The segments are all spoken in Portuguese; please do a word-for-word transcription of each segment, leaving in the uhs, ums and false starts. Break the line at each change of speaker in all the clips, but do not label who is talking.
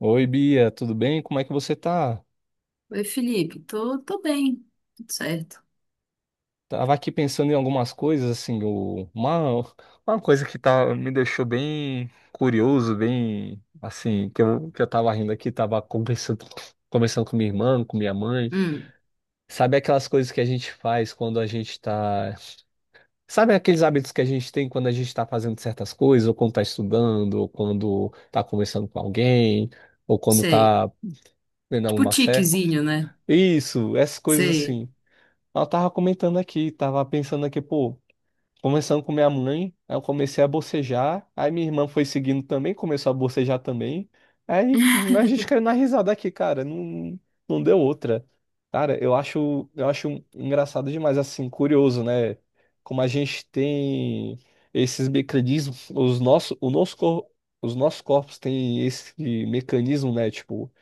Oi, Bia, tudo bem? Como é que você tá?
Oi, Felipe, tô, tô bem, tudo certo.
Tava aqui pensando em algumas coisas, assim, o- uma, uma coisa que tá, me deixou bem curioso, bem, assim, que eu, que eu tava rindo aqui, tava conversando, conversando com minha irmã, com minha mãe.
Hum,
Sabe aquelas coisas que a gente faz quando a gente tá... Sabe aqueles hábitos que a gente tem quando a gente tá fazendo certas coisas, ou quando tá estudando, ou quando tá conversando com alguém, ou quando
sei.
tá vendo
Tipo
alguma série?
tiquezinho, né?
Isso, essas coisas
Sei.
assim. Ela tava comentando aqui, tava pensando aqui, pô, começando com minha mãe, aí eu comecei a bocejar, aí minha irmã foi seguindo também, começou a bocejar também, aí a gente caiu na risada aqui, cara, não, não deu outra. Cara, eu acho, eu acho engraçado demais, assim, curioso, né? Como a gente tem esses mecanismos, os nossos, o nosso cor- os nossos corpos têm esse mecanismo, né? Tipo,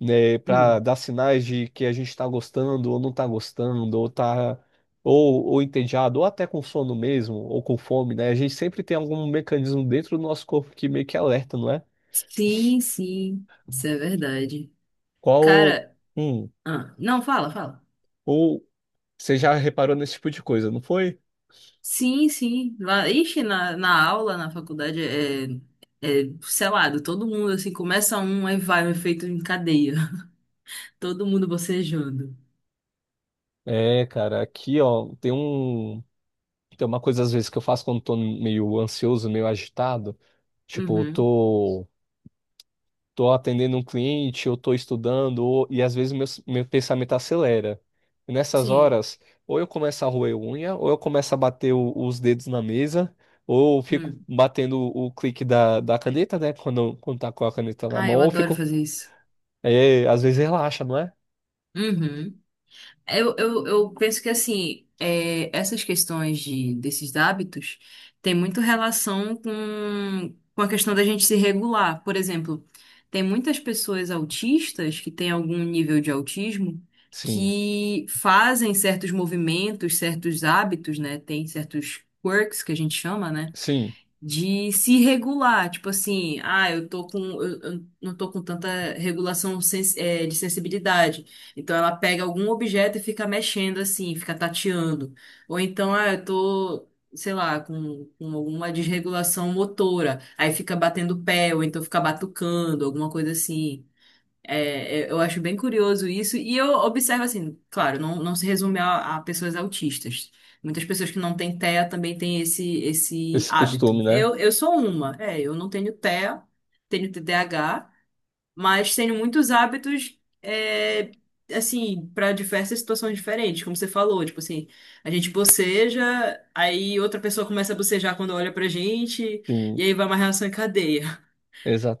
né, para
Hum.
dar sinais de que a gente está gostando ou não está gostando, ou tá ou, ou entediado, ou até com sono mesmo, ou com fome, né? A gente sempre tem algum mecanismo dentro do nosso corpo que meio que alerta, não é?
Sim, sim, isso é verdade.
Qual,
Cara,
hum,
ah, não, fala, fala.
ou você já reparou nesse tipo de coisa, não foi?
Sim, sim. Lá, ixi, na, na aula, na faculdade, é, é selado, todo mundo, assim, começa um, aí vai, um efeito em cadeia. Todo mundo bocejando.
É, cara, aqui, ó, tem um, tem uma coisa às vezes que eu faço quando tô meio ansioso, meio agitado, tipo, eu
Uhum,
tô tô atendendo um cliente, eu tô estudando, ou- e às vezes meu, meu pensamento acelera. E nessas
sim.
horas, ou eu começo a roer unha, ou eu começo a bater o- os dedos na mesa, ou eu fico
Hum.
batendo o clique da, da caneta, né? Quando, quando tá com a caneta na
Ah,
mão,
eu
ou eu
adoro
fico.
fazer isso.
É, às vezes relaxa, não é?
Uhum. Eu, eu, eu penso que assim, é, essas questões de, desses hábitos têm muito relação com, com a questão da gente se regular. Por exemplo, tem muitas pessoas autistas que têm algum nível de autismo
Sim,
que fazem certos movimentos, certos hábitos, né? Tem certos quirks que a gente chama, né,
sim,
de se regular, tipo assim, ah, eu tô com, eu, eu não tô com tanta regulação sens- eh, de sensibilidade. Então ela pega algum objeto e fica mexendo assim, fica tateando. Ou então, ah, eu tô, sei lá, com, com alguma desregulação motora, aí fica batendo o pé, ou então fica batucando, alguma coisa assim. É, é, eu acho bem curioso isso, e eu observo assim, claro, não, não se resume a, a pessoas autistas. Muitas pessoas que não têm TEA também têm esse, esse
esse costume,
hábito.
né?
Eu, eu sou uma, é, eu não tenho TEA, tenho T D A H, mas tenho muitos hábitos, é, assim, para diversas situações diferentes, como você falou, tipo assim, a gente boceja, aí outra pessoa começa a bocejar quando olha pra gente, e
Sim,
aí vai uma reação em cadeia.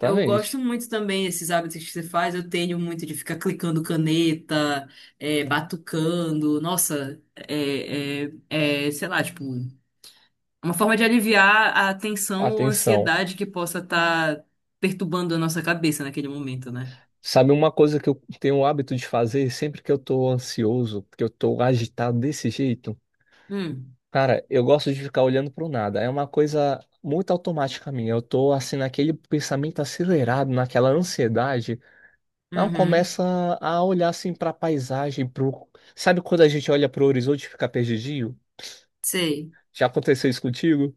Eu gosto muito também desses hábitos que você faz. Eu tenho muito de ficar clicando caneta, é, batucando. Nossa, é, é, é, sei lá, tipo, uma forma de aliviar a tensão ou
Atenção.
ansiedade que possa estar perturbando a nossa cabeça naquele momento, né?
Sabe uma coisa que eu tenho o hábito de fazer sempre que eu tô ansioso, que eu tô agitado desse jeito?
Hum,
Cara, eu gosto de ficar olhando pro nada. É uma coisa muito automática minha. Eu tô assim naquele pensamento acelerado, naquela ansiedade. Não
uhum,
começa a olhar assim pra paisagem, pro... Sabe quando a gente olha pro horizonte e fica perdidinho?
sei.
Já aconteceu isso contigo?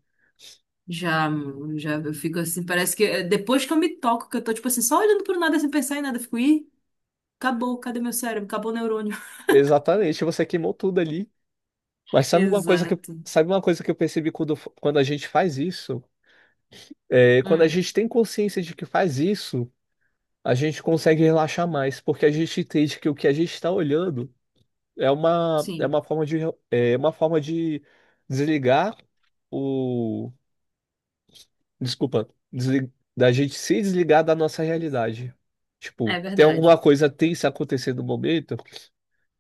Já, mano, já eu fico assim, parece que é, depois que eu me toco, que eu tô, tipo assim, só olhando pro nada sem pensar em nada, eu fico, ih, acabou, cadê meu cérebro? Acabou o neurônio.
Exatamente, você queimou tudo ali. Mas sabe uma coisa que
Exato.
sabe uma coisa que eu percebi quando, quando a gente faz isso? É, quando a
Hum,
gente tem consciência de que faz isso, a gente consegue relaxar mais, porque a gente entende que o que a gente está olhando é uma, é
sim,
uma forma de, é uma forma de desligar o, desculpa, desli- da gente se desligar da nossa realidade. Tipo,
é
tem alguma
verdade.
coisa tensa acontecendo no momento,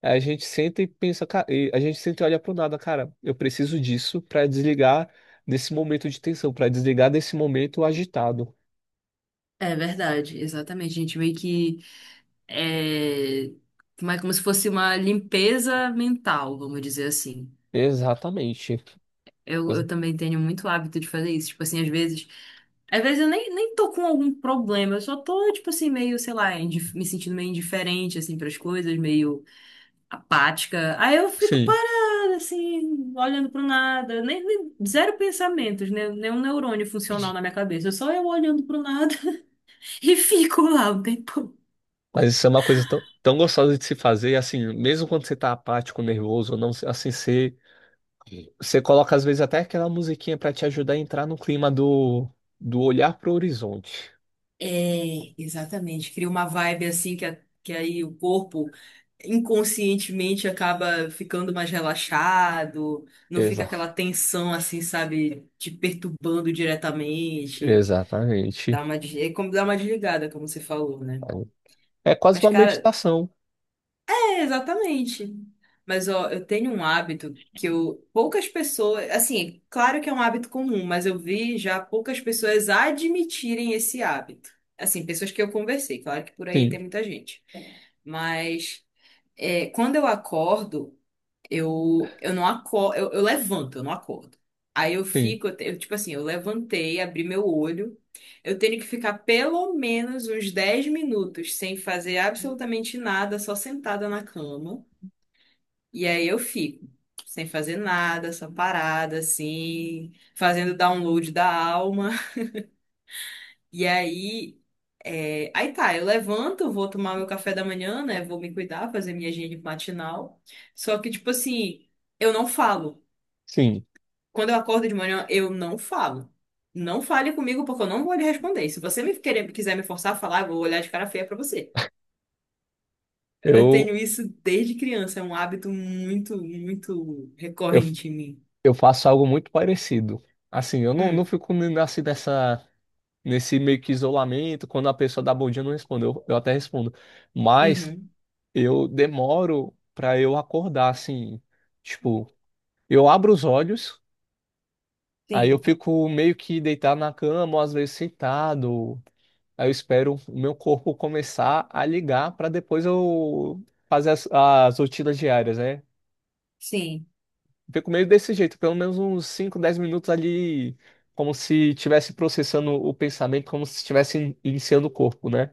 a gente senta e pensa, ca- e a gente senta e olha pro nada, cara, eu preciso disso para desligar desse momento de tensão, para desligar desse momento agitado.
É verdade, exatamente. A gente meio que é como é como se fosse uma limpeza mental, vamos dizer assim.
Exatamente.
Eu, eu também tenho muito hábito de fazer isso. Tipo assim, às vezes. Às vezes eu nem, nem tô com algum problema, eu só tô, tipo assim, meio, sei lá, indif- me sentindo meio indiferente, assim, pras coisas, meio apática. Aí eu fico
Sim,
parada, assim, olhando pro nada, nem, nem- zero pensamentos, né? Nenhum neurônio funcional na minha cabeça, só eu olhando pro nada e fico lá um tempo.
mas isso é uma coisa tão, tão gostosa de se fazer, assim, mesmo quando você tá apático, nervoso, ou não, assim, você você coloca às vezes até aquela musiquinha pra te ajudar a entrar no clima do, do olhar pro horizonte.
É, exatamente. Cria uma vibe assim que, a- que aí o corpo inconscientemente acaba ficando mais relaxado, não fica
Exa
aquela tensão assim, sabe, te perturbando diretamente. Dá
exatamente.
uma, des- é como dar uma desligada, como você falou, né?
É quase
Mas,
uma
cara,
meditação.
é, exatamente. Mas ó, eu tenho um hábito que eu poucas pessoas, assim, claro que é um hábito comum, mas eu vi já poucas pessoas admitirem esse hábito. Assim, pessoas que eu conversei, claro que por aí tem
Sim,
muita gente. Mas é, quando eu acordo, eu eu não acordo, eu, eu levanto, eu não acordo. Aí eu
sim,
fico, eu, te- eu, tipo assim, eu levantei, abri meu olho, eu tenho que ficar pelo menos uns dez minutos sem fazer absolutamente nada, só sentada na cama. E aí eu fico sem fazer nada, só parada, assim, fazendo download da alma. E aí, é, aí tá, eu levanto, vou tomar meu café da manhã, né? Vou me cuidar, fazer minha higiene matinal. Só que, tipo assim, eu não falo.
sim.
Quando eu acordo de manhã, eu não falo. Não fale comigo porque eu não vou lhe responder. Se você me querer, quiser me forçar a falar, eu vou olhar de cara feia pra você. Eu tenho
Eu,
isso desde criança, é um hábito muito, muito
eu,
recorrente em mim.
eu faço algo muito parecido. Assim, eu não, não
Hum,
fico n- assim nessa, nesse meio que isolamento, quando a pessoa dá bom dia, eu não respondo. Eu, eu até respondo. Mas
uhum.
eu demoro pra eu acordar, assim. Tipo, eu abro os olhos. Aí eu
Sim,
fico meio que deitado na cama, ou às vezes sentado. Aí eu espero o meu corpo começar a ligar para depois eu fazer as, as rotinas diárias, né?
sim,
Fico meio desse jeito, pelo menos uns cinco, dez minutos ali, como se estivesse processando o pensamento, como se estivesse in- iniciando o corpo, né?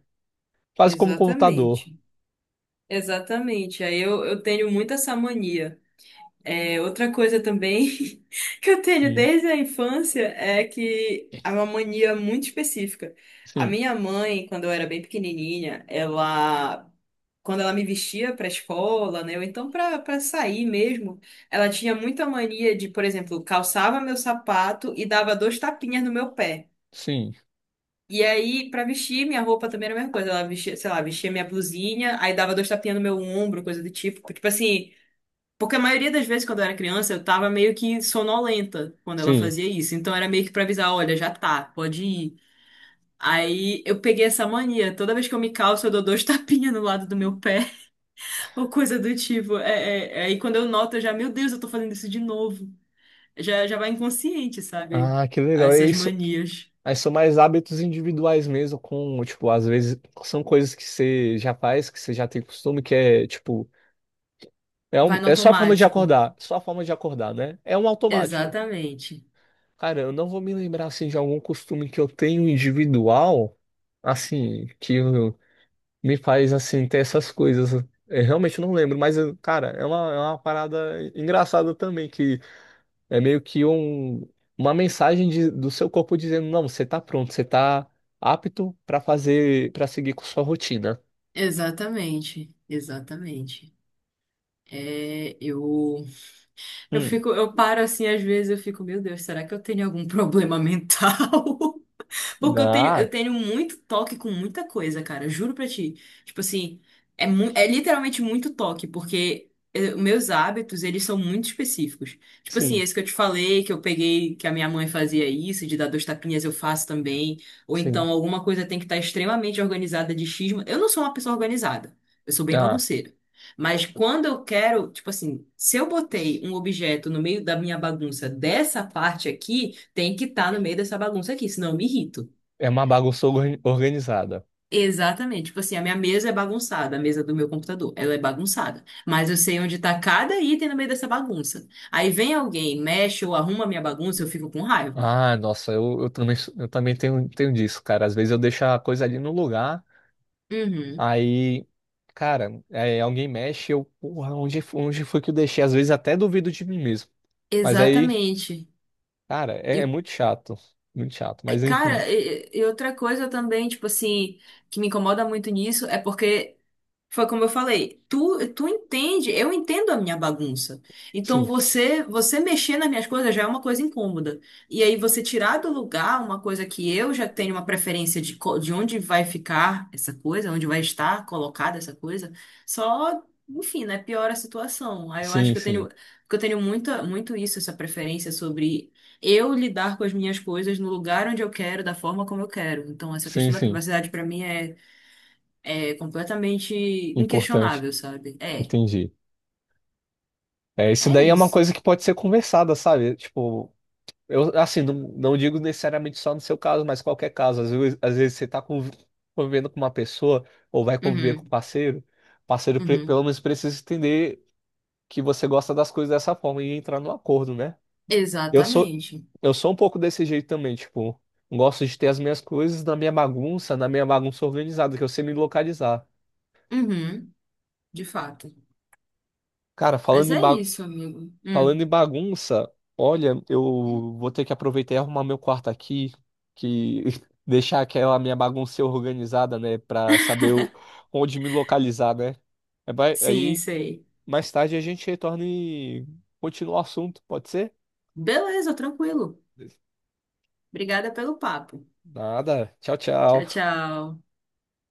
Quase como um computador.
exatamente. Exatamente. Aí eu, eu tenho muito essa mania. É, outra coisa também que eu tenho
Sim,
desde a infância é que é uma mania muito específica. A
sim,
minha mãe, quando eu era bem pequenininha, ela, quando ela me vestia para escola, né, ou então para para sair mesmo, ela tinha muita mania de, por exemplo, calçava meu sapato e dava dois tapinhas no meu pé.
sim.
E aí, pra vestir, minha roupa também era a mesma coisa. Ela vestia, sei lá, vestia minha blusinha, aí dava dois tapinhas no meu ombro, coisa do tipo. Tipo assim, porque a maioria das vezes quando eu era criança, eu tava meio que sonolenta quando ela
Sim.
fazia isso. Então era meio que pra avisar, olha, já tá, pode ir. Aí eu peguei essa mania. Toda vez que eu me calço, eu dou dois tapinhas no lado do meu pé, ou coisa do tipo. É, é- é, aí quando eu noto, eu já, meu Deus, eu tô fazendo isso de novo. Já, já vai inconsciente, sabe?
Ah, que legal. É
Essas
isso.
manias.
Mas são mais hábitos individuais mesmo, com, tipo, às vezes são coisas que você já faz, que você já tem costume, que é, tipo, é, um,
Vai no
é só a forma de
automático.
acordar, só a forma de acordar, né? É um automático.
Exatamente.
Cara, eu não vou me lembrar, assim, de algum costume que eu tenho individual, assim, que eu- me faz, assim, ter essas coisas. Eu realmente não lembro, mas, eu- cara, é uma, é uma parada engraçada também, que é meio que um, uma mensagem de- do seu corpo dizendo, não, você tá pronto, você tá apto para fazer, para seguir com sua rotina.
Exatamente, exatamente. É, eu, eu,
Hum.
fico, eu paro assim, às vezes eu fico, meu Deus, será que eu tenho algum problema mental? Porque eu tenho, eu
Ah,
tenho muito toque com muita coisa, cara. Juro pra ti. Tipo assim, é, mu é literalmente muito toque, porque eh, meus hábitos, eles são muito específicos. Tipo assim,
sim,
esse que eu te falei, que eu peguei, que a minha mãe fazia isso, de dar dois tapinhas, eu faço também. Ou
sim.
então, alguma coisa tem que estar extremamente organizada de xisma. Eu não sou uma pessoa organizada. Eu sou bem
Ah,
bagunceira. Mas quando eu quero, tipo assim, se eu botei um objeto no meio da minha bagunça dessa parte aqui, tem que estar no meio dessa bagunça aqui, senão eu me irrito.
é uma bagunça organ- organizada.
Exatamente. Tipo assim, a minha mesa é bagunçada, a mesa do meu computador, ela é bagunçada. Mas eu sei onde tá cada item no meio dessa bagunça. Aí vem alguém, mexe ou arruma a minha bagunça, eu fico com raiva.
Ah, nossa, eu, eu também, sou- eu também tenho, tenho disso, cara. Às vezes eu deixo a coisa ali no lugar,
Uhum.
aí, cara, é, alguém mexe, eu, porra, onde, fo- onde foi que eu deixei? Às vezes até duvido de mim mesmo. Mas aí,
Exatamente.
cara, é, é
E,
muito chato, muito chato.
é,
Mas enfim,
cara, e, e outra coisa também, tipo assim, que me incomoda muito nisso é porque foi como eu falei, tu, tu entende, eu entendo a minha bagunça. Então
sim.
você você mexer nas minhas coisas já é uma coisa incômoda. E aí você tirar do lugar uma coisa que eu já tenho uma preferência de, co- de onde vai ficar essa coisa, onde vai estar colocada essa coisa, só, enfim, né, piora a situação. Aí eu acho
Sim,
que eu
sim.
tenho que eu tenho muita, muito isso, essa preferência sobre eu lidar com as minhas coisas no lugar onde eu quero, da forma como eu quero. Então essa
Sim,
questão da
sim.
privacidade para mim é é completamente
Importante.
inquestionável, sabe? É,
Entendi. É, isso
é
daí é uma
isso.
coisa que pode ser conversada, sabe? Tipo, eu assim, não, não digo necessariamente só no seu caso, mas qualquer caso. Às vezes, às vezes você tá conv- convivendo com uma pessoa ou vai conviver com um
Uhum,
parceiro, o parceiro pre-
uhum.
pelo menos precisa entender que você gosta das coisas dessa forma e entrar no acordo, né? Eu sou
Exatamente.
eu sou um pouco desse jeito também, tipo, gosto de ter as minhas coisas na minha bagunça, na minha bagunça organizada, que eu sei me localizar.
Uhum, de fato.
Cara,
Mas
falando em,
é
ba
isso, amigo. Hum,
Falando em bagunça, olha, eu vou ter que aproveitar e arrumar meu quarto aqui, que deixar aquela minha bagunça organizada, né, pra saber o- onde me localizar, né? Aí vai-
sim,
aí,
sei.
mais tarde a gente retorna e continua o assunto, pode ser?
Beleza, tranquilo. Obrigada pelo papo.
Nada. Tchau,
Tchau,
tchau.
tchau.